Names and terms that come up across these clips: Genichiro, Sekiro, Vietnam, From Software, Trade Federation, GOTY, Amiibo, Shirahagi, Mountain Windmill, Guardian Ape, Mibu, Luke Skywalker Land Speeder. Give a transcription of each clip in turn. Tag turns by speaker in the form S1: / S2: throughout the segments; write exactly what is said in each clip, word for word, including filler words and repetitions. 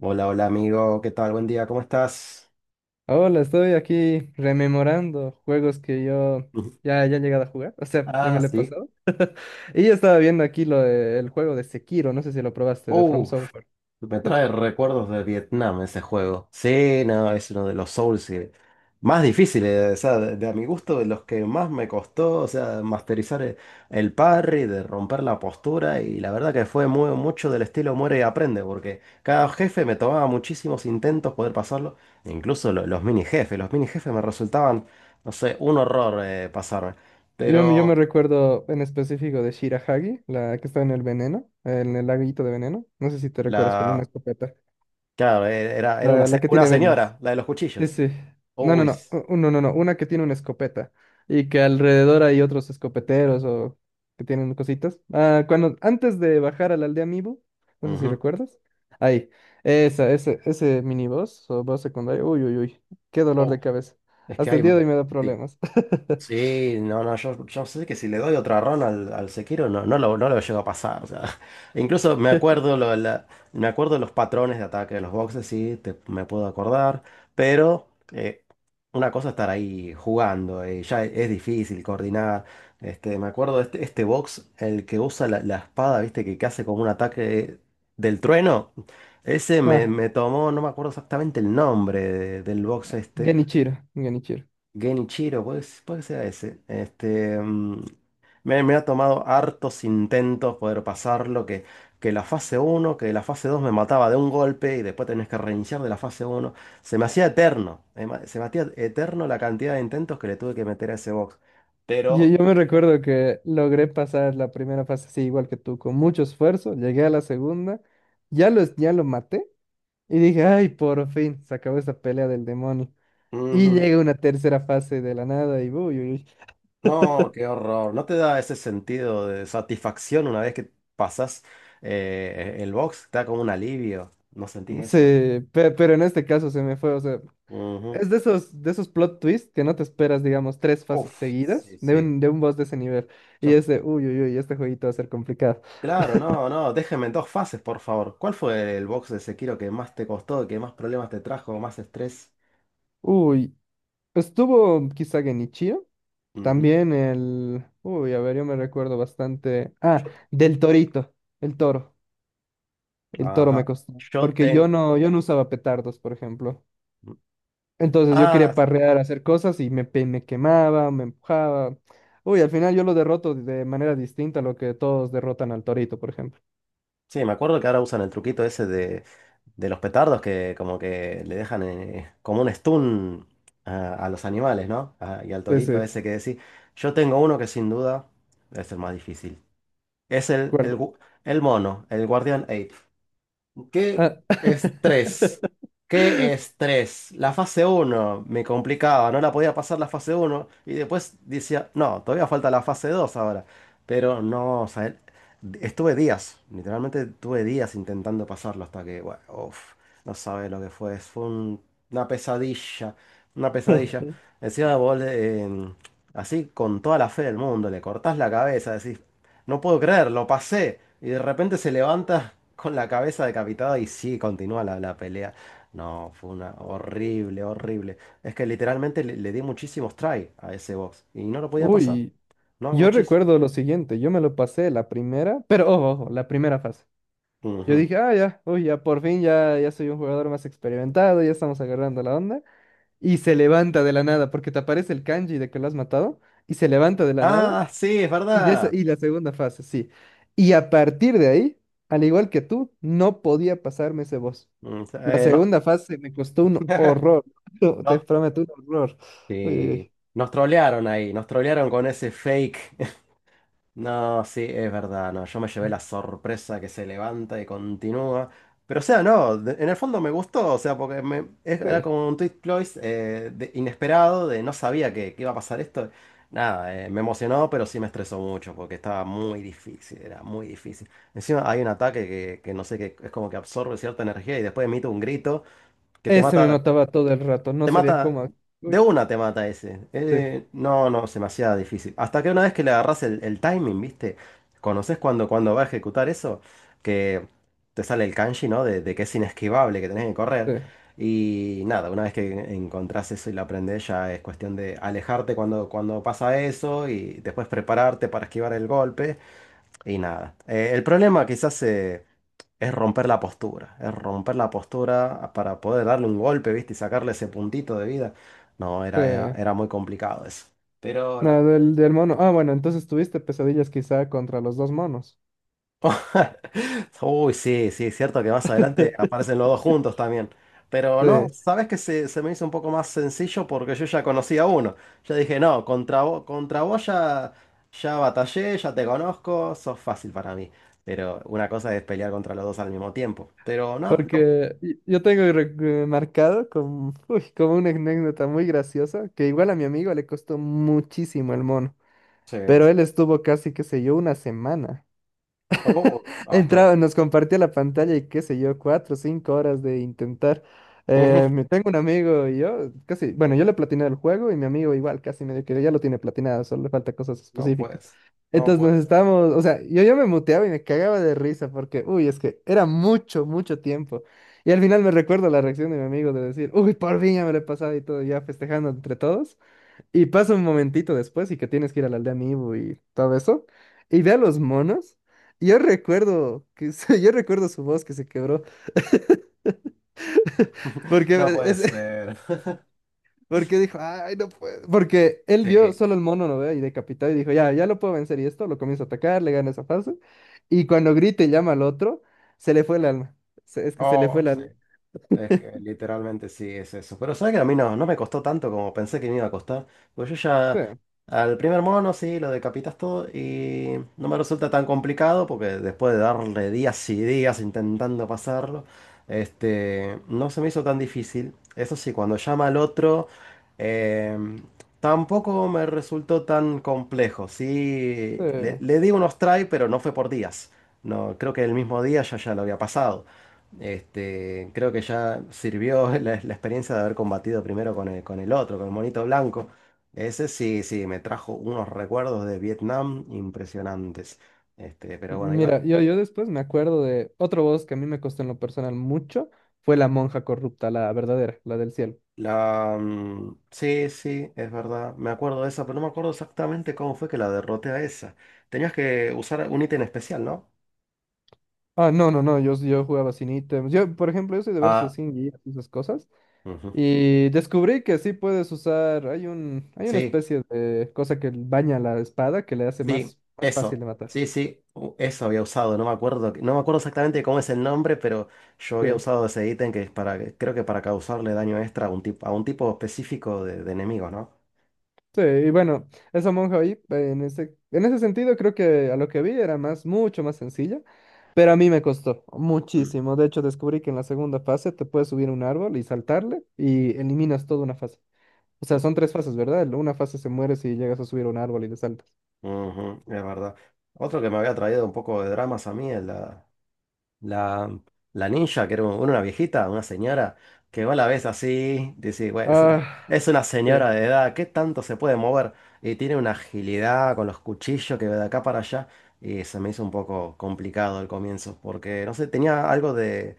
S1: Hola, hola amigo, ¿qué tal? Buen día, ¿cómo estás?
S2: Hola, estoy aquí rememorando juegos que yo
S1: Ujú.
S2: ya, ya he llegado a jugar, o sea, ya
S1: Ah,
S2: me lo he
S1: sí.
S2: pasado. Y yo estaba viendo aquí lo de- el juego de Sekiro, no sé si lo probaste, de From
S1: Uf,
S2: Software.
S1: me
S2: Uh,
S1: trae recuerdos de Vietnam ese juego. Sí, no, es uno de los Souls que- más difíciles, o sea, de, de a mi gusto, de los que más me costó, o sea, masterizar el, el parry, de romper la postura, y la verdad que fue muy, mucho del estilo muere y aprende, porque cada jefe me tomaba muchísimos intentos poder pasarlo, incluso lo- los mini jefes, los mini jefes me resultaban, no sé, un horror eh, pasarme.
S2: Yo, me- yo me
S1: Pero...
S2: recuerdo en específico de Shirahagi, la que está en el veneno, en el laguito de veneno. No sé si te recuerdas con una
S1: La,
S2: escopeta.
S1: claro, e- era, era una,
S2: La, la
S1: se-
S2: que
S1: una
S2: tiene vendas.
S1: señora, la de los
S2: Sí,
S1: cuchillos.
S2: sí. No, no,
S1: Uy,
S2: no.
S1: s-
S2: u- No, no, no. Una que tiene una escopeta. Y que alrededor hay otros escopeteros o que tienen cositas. Ah, cuando, antes de bajar a la aldea Mibu, no sé si
S1: ujú.
S2: recuerdas. Ahí. Esa, ese, ese miniboss o boss secundario. Uy, uy, uy. Qué dolor de
S1: Oh,
S2: cabeza.
S1: es que
S2: Hasta el
S1: hay...
S2: día de hoy me da
S1: sí.
S2: problemas.
S1: Sí, no, no, yo, yo sé que si le doy otra run al, al Sekiro no, no lo, no lo llego a pasar. O sea, incluso me acuerdo, lo- la- me acuerdo los patrones de ataque de los boxes, sí, te- me puedo acordar, pero eh, una cosa es estar ahí jugando, eh, ya es, es difícil coordinar. Este, me acuerdo de este, este box, el que usa la, la espada, viste, que, que hace como un ataque del trueno. Ese me,
S2: Ah,
S1: me tomó, no me acuerdo exactamente el nombre de- del box este.
S2: Genichiro. Genichiro.
S1: Genichiro, puede, que s- puede que sea ese. Este, mm, me, me ha tomado hartos intentos poder pasarlo, que, que la fase uno, que la fase dos me mataba de un golpe y después tenés que reiniciar de la fase uno. Se me hacía eterno, eh, ma- se me hacía eterno la cantidad de intentos que le tuve que meter a ese box.
S2: Yo,
S1: Pero,
S2: yo me recuerdo que logré pasar la primera fase así igual que tú, con mucho esfuerzo, llegué a la segunda, ya lo, ya lo maté y dije, ay, por fin, se acabó esa pelea del demonio. Y
S1: ujú,
S2: llega una tercera fase de la nada y uy, uy,
S1: no, qué horror. ¿No te da ese sentido de satisfacción una vez que pasas el box? Te da como un alivio. ¿No sentís
S2: uy,
S1: eso?
S2: se- pe- pero en este caso se me fue, o sea,
S1: Ujú.
S2: es de esos, de esos plot twists que no te esperas, digamos, tres fases
S1: Uf, sí,
S2: seguidas de
S1: sí.
S2: un, de un boss de ese nivel.
S1: Ya
S2: Y es
S1: está.
S2: de, uy, uy, uy, este jueguito va a ser complicado.
S1: Claro, no, no, déjenme en dos fases, por favor. ¿Cuál fue el box de Sekiro que más te costó, que más problemas te trajo, más estrés?
S2: Uy, estuvo quizá Genichiro.
S1: Ujú.
S2: También el... Uy, a ver, yo me recuerdo bastante. Ah,
S1: Yo-
S2: del torito, el toro. El toro
S1: ajá.
S2: me costó.
S1: Yo
S2: Porque yo
S1: tengo.
S2: no, yo no usaba petardos, por ejemplo. Entonces yo
S1: Ah,
S2: quería parrear, hacer cosas y me, pe- me quemaba, me empujaba. Uy, al final yo lo derroto de manera distinta a lo que todos derrotan al torito, por ejemplo.
S1: sí, me acuerdo que ahora usan el truquito ese de, de los petardos que como que le dejan eh, como un stun a, a los animales, ¿no? Ah, y al torito
S2: Ese,
S1: ese que decís. Yo tengo uno que sin duda es el más difícil. Es el,
S2: ¿cuál?
S1: el, gu- el mono, el guardián ape. ¿Qué
S2: Ah,
S1: estrés? ¿Qué estrés? La fase uno me complicaba, no la podía pasar la fase uno y después decía, no, todavía falta la fase dos ahora. Pero no, o sea, el- estuve días, literalmente tuve días intentando pasarlo hasta que, bueno, uf, no sabes lo que fue, fue un- una pesadilla, una pesadilla. Encima vos, le- en- así con toda la fe del mundo, le cortás la cabeza, decís, no puedo creer, lo pasé. Y de repente se levanta con la cabeza decapitada y sí, continúa la, la pelea. No, fue una horrible, horrible. Es que literalmente le, le di muchísimos try a ese box y no lo podía pasar.
S2: Uy,
S1: No,
S2: yo
S1: muchísimo.
S2: recuerdo lo siguiente, yo me lo pasé la primera, pero ojo, ojo, la primera fase. Yo
S1: Ujú.
S2: dije, ah, ya, uy, ya por fin, ya, ya soy un jugador más experimentado, ya estamos agarrando la onda. Y se levanta de la nada, porque te aparece el kanji de que lo has matado, y se levanta de la nada,
S1: Ah, sí, es
S2: y, de esa-
S1: verdad.
S2: y la segunda fase, sí. Y a partir de ahí, al igual que tú, no podía pasarme ese boss.
S1: Mm,
S2: La
S1: eh, no,
S2: segunda fase me costó un horror, te
S1: no.
S2: prometo, un horror. Uy, uy,
S1: Sí. Nos trolearon ahí, nos trolearon con ese fake. No, sí, es verdad, no, yo me llevé
S2: uy.
S1: la sorpresa que se levanta y continúa. Pero o sea, no, de- en el fondo me gustó, o sea, porque me, es- era
S2: Sí.
S1: como un twist close eh, de- inesperado, de no sabía que, que iba a pasar esto. Nada, eh, me emocionó, pero sí me estresó mucho, porque estaba muy difícil, era muy difícil. Encima hay un ataque que, que no sé, que es como que absorbe cierta energía y después emite un grito que te
S2: Ese me
S1: mata,
S2: mataba todo el rato, no
S1: te
S2: sabía
S1: mata,
S2: cómo.
S1: de
S2: Uy,
S1: una te mata ese.
S2: sí,
S1: Eh, no, no, es demasiado difícil. Hasta que una vez que le agarrás el, el timing, ¿viste? ¿Conoces cuando, cuando va a ejecutar eso? Que te sale el kanji, ¿no? De, de que es inesquivable, que tenés que correr.
S2: sí,
S1: Y nada, una vez que encontrás eso y lo aprendés, ya es cuestión de alejarte cuando, cuando pasa eso y después prepararte para esquivar el golpe. Y nada. Eh, el problema quizás... se es romper la postura, es romper la postura para poder darle un golpe, ¿viste? Y sacarle ese puntito de vida. No,
S2: sí.
S1: era, era, era muy complicado eso. Pero
S2: No,
S1: ahora...
S2: del, del mono. Ah, bueno, entonces tuviste pesadillas quizá contra los dos monos.
S1: Uy, sí, sí, es cierto que más adelante aparecen los dos juntos también. Pero
S2: Sí,
S1: no, sabes que se, se me hizo un poco más sencillo porque yo ya conocía a uno. Yo dije, no, contra vos, contra vos ya, ya batallé, ya te conozco, sos fácil para mí. Pero una cosa es pelear contra los dos al mismo tiempo. Pero no, no.
S2: porque y- yo tengo re- eh, marcado como, uy, como una anécdota muy graciosa, que igual a mi amigo le costó muchísimo el mono,
S1: Sí, sí.
S2: pero él estuvo casi, qué sé yo, una semana.
S1: Oh, ah, estuvo.
S2: Entraba, nos compartía la pantalla y qué sé yo, cuatro o cinco horas de intentar. Eh, me tengo un amigo y yo, casi, bueno, yo le platiné el juego y mi amigo igual, casi medio que ya lo tiene platinado, solo le falta cosas
S1: No
S2: específicas.
S1: puedes. No
S2: Entonces
S1: puede
S2: nos
S1: ser.
S2: estábamos, o sea, yo ya me muteaba y me cagaba de risa porque, uy, es que era mucho, mucho tiempo. Y al final me recuerdo la reacción de mi amigo de decir, uy, por fin ya me lo he pasado y todo, ya festejando entre todos. Y pasa un momentito después y que tienes que ir a la aldea Amiibo y todo eso. Y ve a los monos. y Yo recuerdo que se- yo recuerdo su voz que se quebró. Porque
S1: No puede
S2: es,
S1: ser.
S2: porque dijo, ay, no puedo. Porque él vio
S1: Sí.
S2: solo el mono, ¿no ve? Y decapitado y dijo, ya, ya lo puedo vencer. Y esto lo comienza a atacar, le gana esa fase. Y cuando grita y llama al otro, se le fue el alma. Se- es que se le
S1: Oh,
S2: fue el
S1: sí.
S2: alma.
S1: Es que literalmente sí es eso. Pero sabes que a mí no, no me costó tanto como pensé que me iba a costar. Pues yo
S2: Sí,
S1: ya al primer mono sí lo decapitas todo y no me resulta tan complicado porque después de darle días y días intentando pasarlo, este, no se me hizo tan difícil. Eso sí, cuando llama al otro, eh, tampoco me resultó tan complejo.
S2: sí.
S1: Sí, le, le di unos try, pero no fue por días. No, creo que el mismo día ya ya lo había pasado. Este, creo que ya sirvió la, la experiencia de haber combatido primero con el, con el otro, con el monito blanco. Ese sí, sí, me trajo unos recuerdos de Vietnam impresionantes. Este, pero bueno, igual.
S2: Mira, yo, yo después me acuerdo de otro voz que a mí me costó en lo personal mucho. Fue la monja corrupta, la verdadera, la del cielo.
S1: La, mm, sí, sí, es verdad. Me acuerdo de esa, pero no me acuerdo exactamente cómo fue que la derroté a esa. Tenías que usar un ítem especial, ¿no?
S2: Ah, no, no, no, yo, yo jugaba sin ítems. Yo, por ejemplo, yo soy de verse
S1: Ah.
S2: sin guías y esas cosas.
S1: Ujú.
S2: Y descubrí que sí puedes usar, hay un, hay una
S1: Sí.
S2: especie de cosa que baña la espada que le hace
S1: Sí,
S2: más, más fácil
S1: eso.
S2: de matar.
S1: Sí, sí, u- eso había usado. No me acuerdo, no me acuerdo exactamente cómo es el nombre, pero yo había
S2: Sí,
S1: usado ese ítem que es para, creo que para causarle daño extra a un tipo, a un tipo específico de, de enemigo, ¿no?
S2: sí, y bueno, esa monja ahí, eh, en ese, en ese sentido, creo que a lo que vi era más, mucho más sencilla, pero a mí me costó
S1: Mm.
S2: muchísimo. De hecho, descubrí que en la segunda fase te puedes subir a un árbol y saltarle y eliminas toda una fase. O sea, son tres fases, ¿verdad? Una fase se muere si llegas a subir a un árbol y le saltas.
S1: Ujú, es verdad. Otro que me había traído un poco de dramas a mí, el La, la ninja, que era un- una viejita, una señora, que vos la ves así, dice, bueno, es una,
S2: Ah,
S1: es una
S2: sí,
S1: señora de edad, ¿qué tanto se puede mover? Y tiene una agilidad con los cuchillos que va de acá para allá, y se me hizo un poco complicado al comienzo, porque, no sé, tenía algo de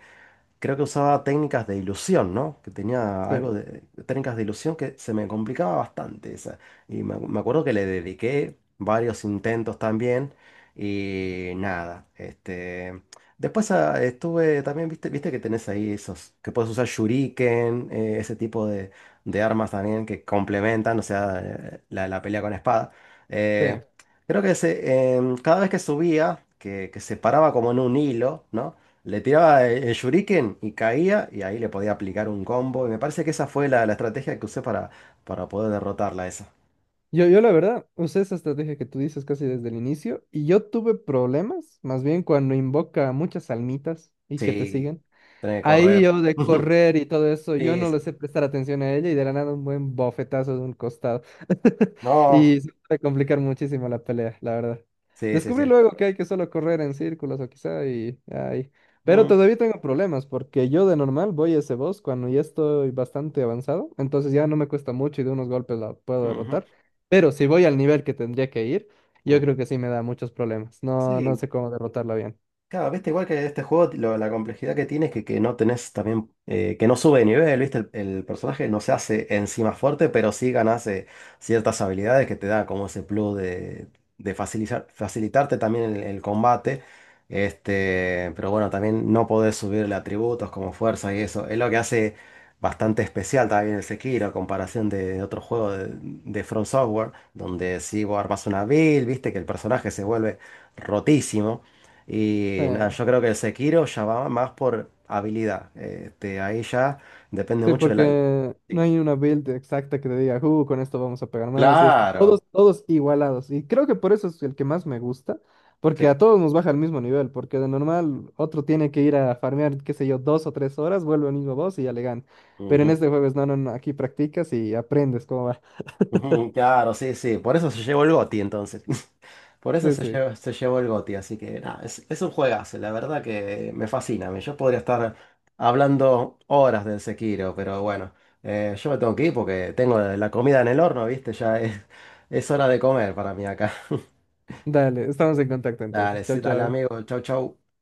S1: creo que usaba técnicas de ilusión, ¿no? Que tenía algo
S2: sí,
S1: de técnicas de ilusión que se me complicaba bastante esa. Y me, acu- me acuerdo que le dediqué varios intentos también y nada, este... Después ah, estuve también, viste, viste que tenés ahí esos, que puedes usar shuriken, eh, ese tipo de, de armas también que complementan, o sea, eh, la, la pelea con espada. Eh,
S2: sí.
S1: creo que se, em, cada vez que subía, que, que se paraba como en un hilo, ¿no? Le tiraba el shuriken y caía y ahí le podía aplicar un combo. Y me parece que esa fue la, la estrategia que usé para, para poder derrotarla esa.
S2: Yo, yo la verdad usé esa estrategia que tú dices casi desde el inicio y yo tuve problemas, más bien cuando invoca muchas almitas y que te
S1: Sí,
S2: siguen.
S1: tenés que
S2: Ahí
S1: correr.
S2: yo de correr y todo eso, yo
S1: Sí,
S2: no le
S1: sí.
S2: sé prestar atención a ella y de la nada un buen bofetazo de un costado.
S1: No.
S2: Y se puede complicar muchísimo la pelea, la verdad.
S1: Sí, sí,
S2: Descubrí
S1: sí.
S2: luego que hay que solo correr en círculos o quizá y ahí. Pero
S1: Mm,
S2: todavía tengo problemas porque yo de normal voy a ese boss cuando ya estoy bastante avanzado, entonces ya no me cuesta mucho y de unos golpes la puedo
S1: ujú,
S2: derrotar. Pero si voy al nivel que tendría que ir, yo
S1: mm.
S2: creo que sí me da muchos problemas. No, no
S1: Sí,
S2: sé cómo derrotarla bien.
S1: claro, viste, igual que este juego, lo- la complejidad que tiene es que, que no tenés también, eh, que no sube de nivel, viste, el, el personaje no se hace encima fuerte, pero sí ganas eh, ciertas habilidades que te da como ese plus de, de facilitar, facilitarte también el, el combate, este, pero bueno, también no podés subirle atributos como fuerza y eso, es lo que hace bastante especial también el Sekiro, a comparación de, otro juego de, de From Software, donde si vos armas una build, viste, que el personaje se vuelve rotísimo.
S2: sí
S1: Y nada, yo creo que el Sekiro ya va más por habilidad. Este, ahí ya depende
S2: Sí,
S1: mucho de la...
S2: porque no
S1: Sí,
S2: hay una build exacta que te diga, uh, con esto vamos a pegar más y esto.
S1: claro.
S2: Todos, todos igualados. Y creo que por eso es el que más me gusta, porque a
S1: Sí.
S2: todos nos baja al mismo nivel, porque de normal otro tiene que ir a farmear, qué sé yo, dos o tres horas, vuelve al mismo boss y ya le gana. Pero en
S1: Ujú,
S2: este juego es, no, no, no, aquí practicas y aprendes cómo va.
S1: ujú, claro, sí, sí. Por eso se llevó el GOTY entonces. Por eso
S2: Sí,
S1: se
S2: sí.
S1: llevó, se llevó el GOTY. Así que nada, es, es un juegazo. La verdad que me fascina. Me Yo podría estar hablando horas del Sekiro, pero bueno, eh, yo me tengo que ir porque tengo la comida en el horno, ¿viste? Ya es, es hora de comer para mí acá.
S2: Dale, estamos en contacto
S1: Dale,
S2: entonces. Chao,
S1: sí, dale
S2: chao.
S1: amigo. Chau, chau.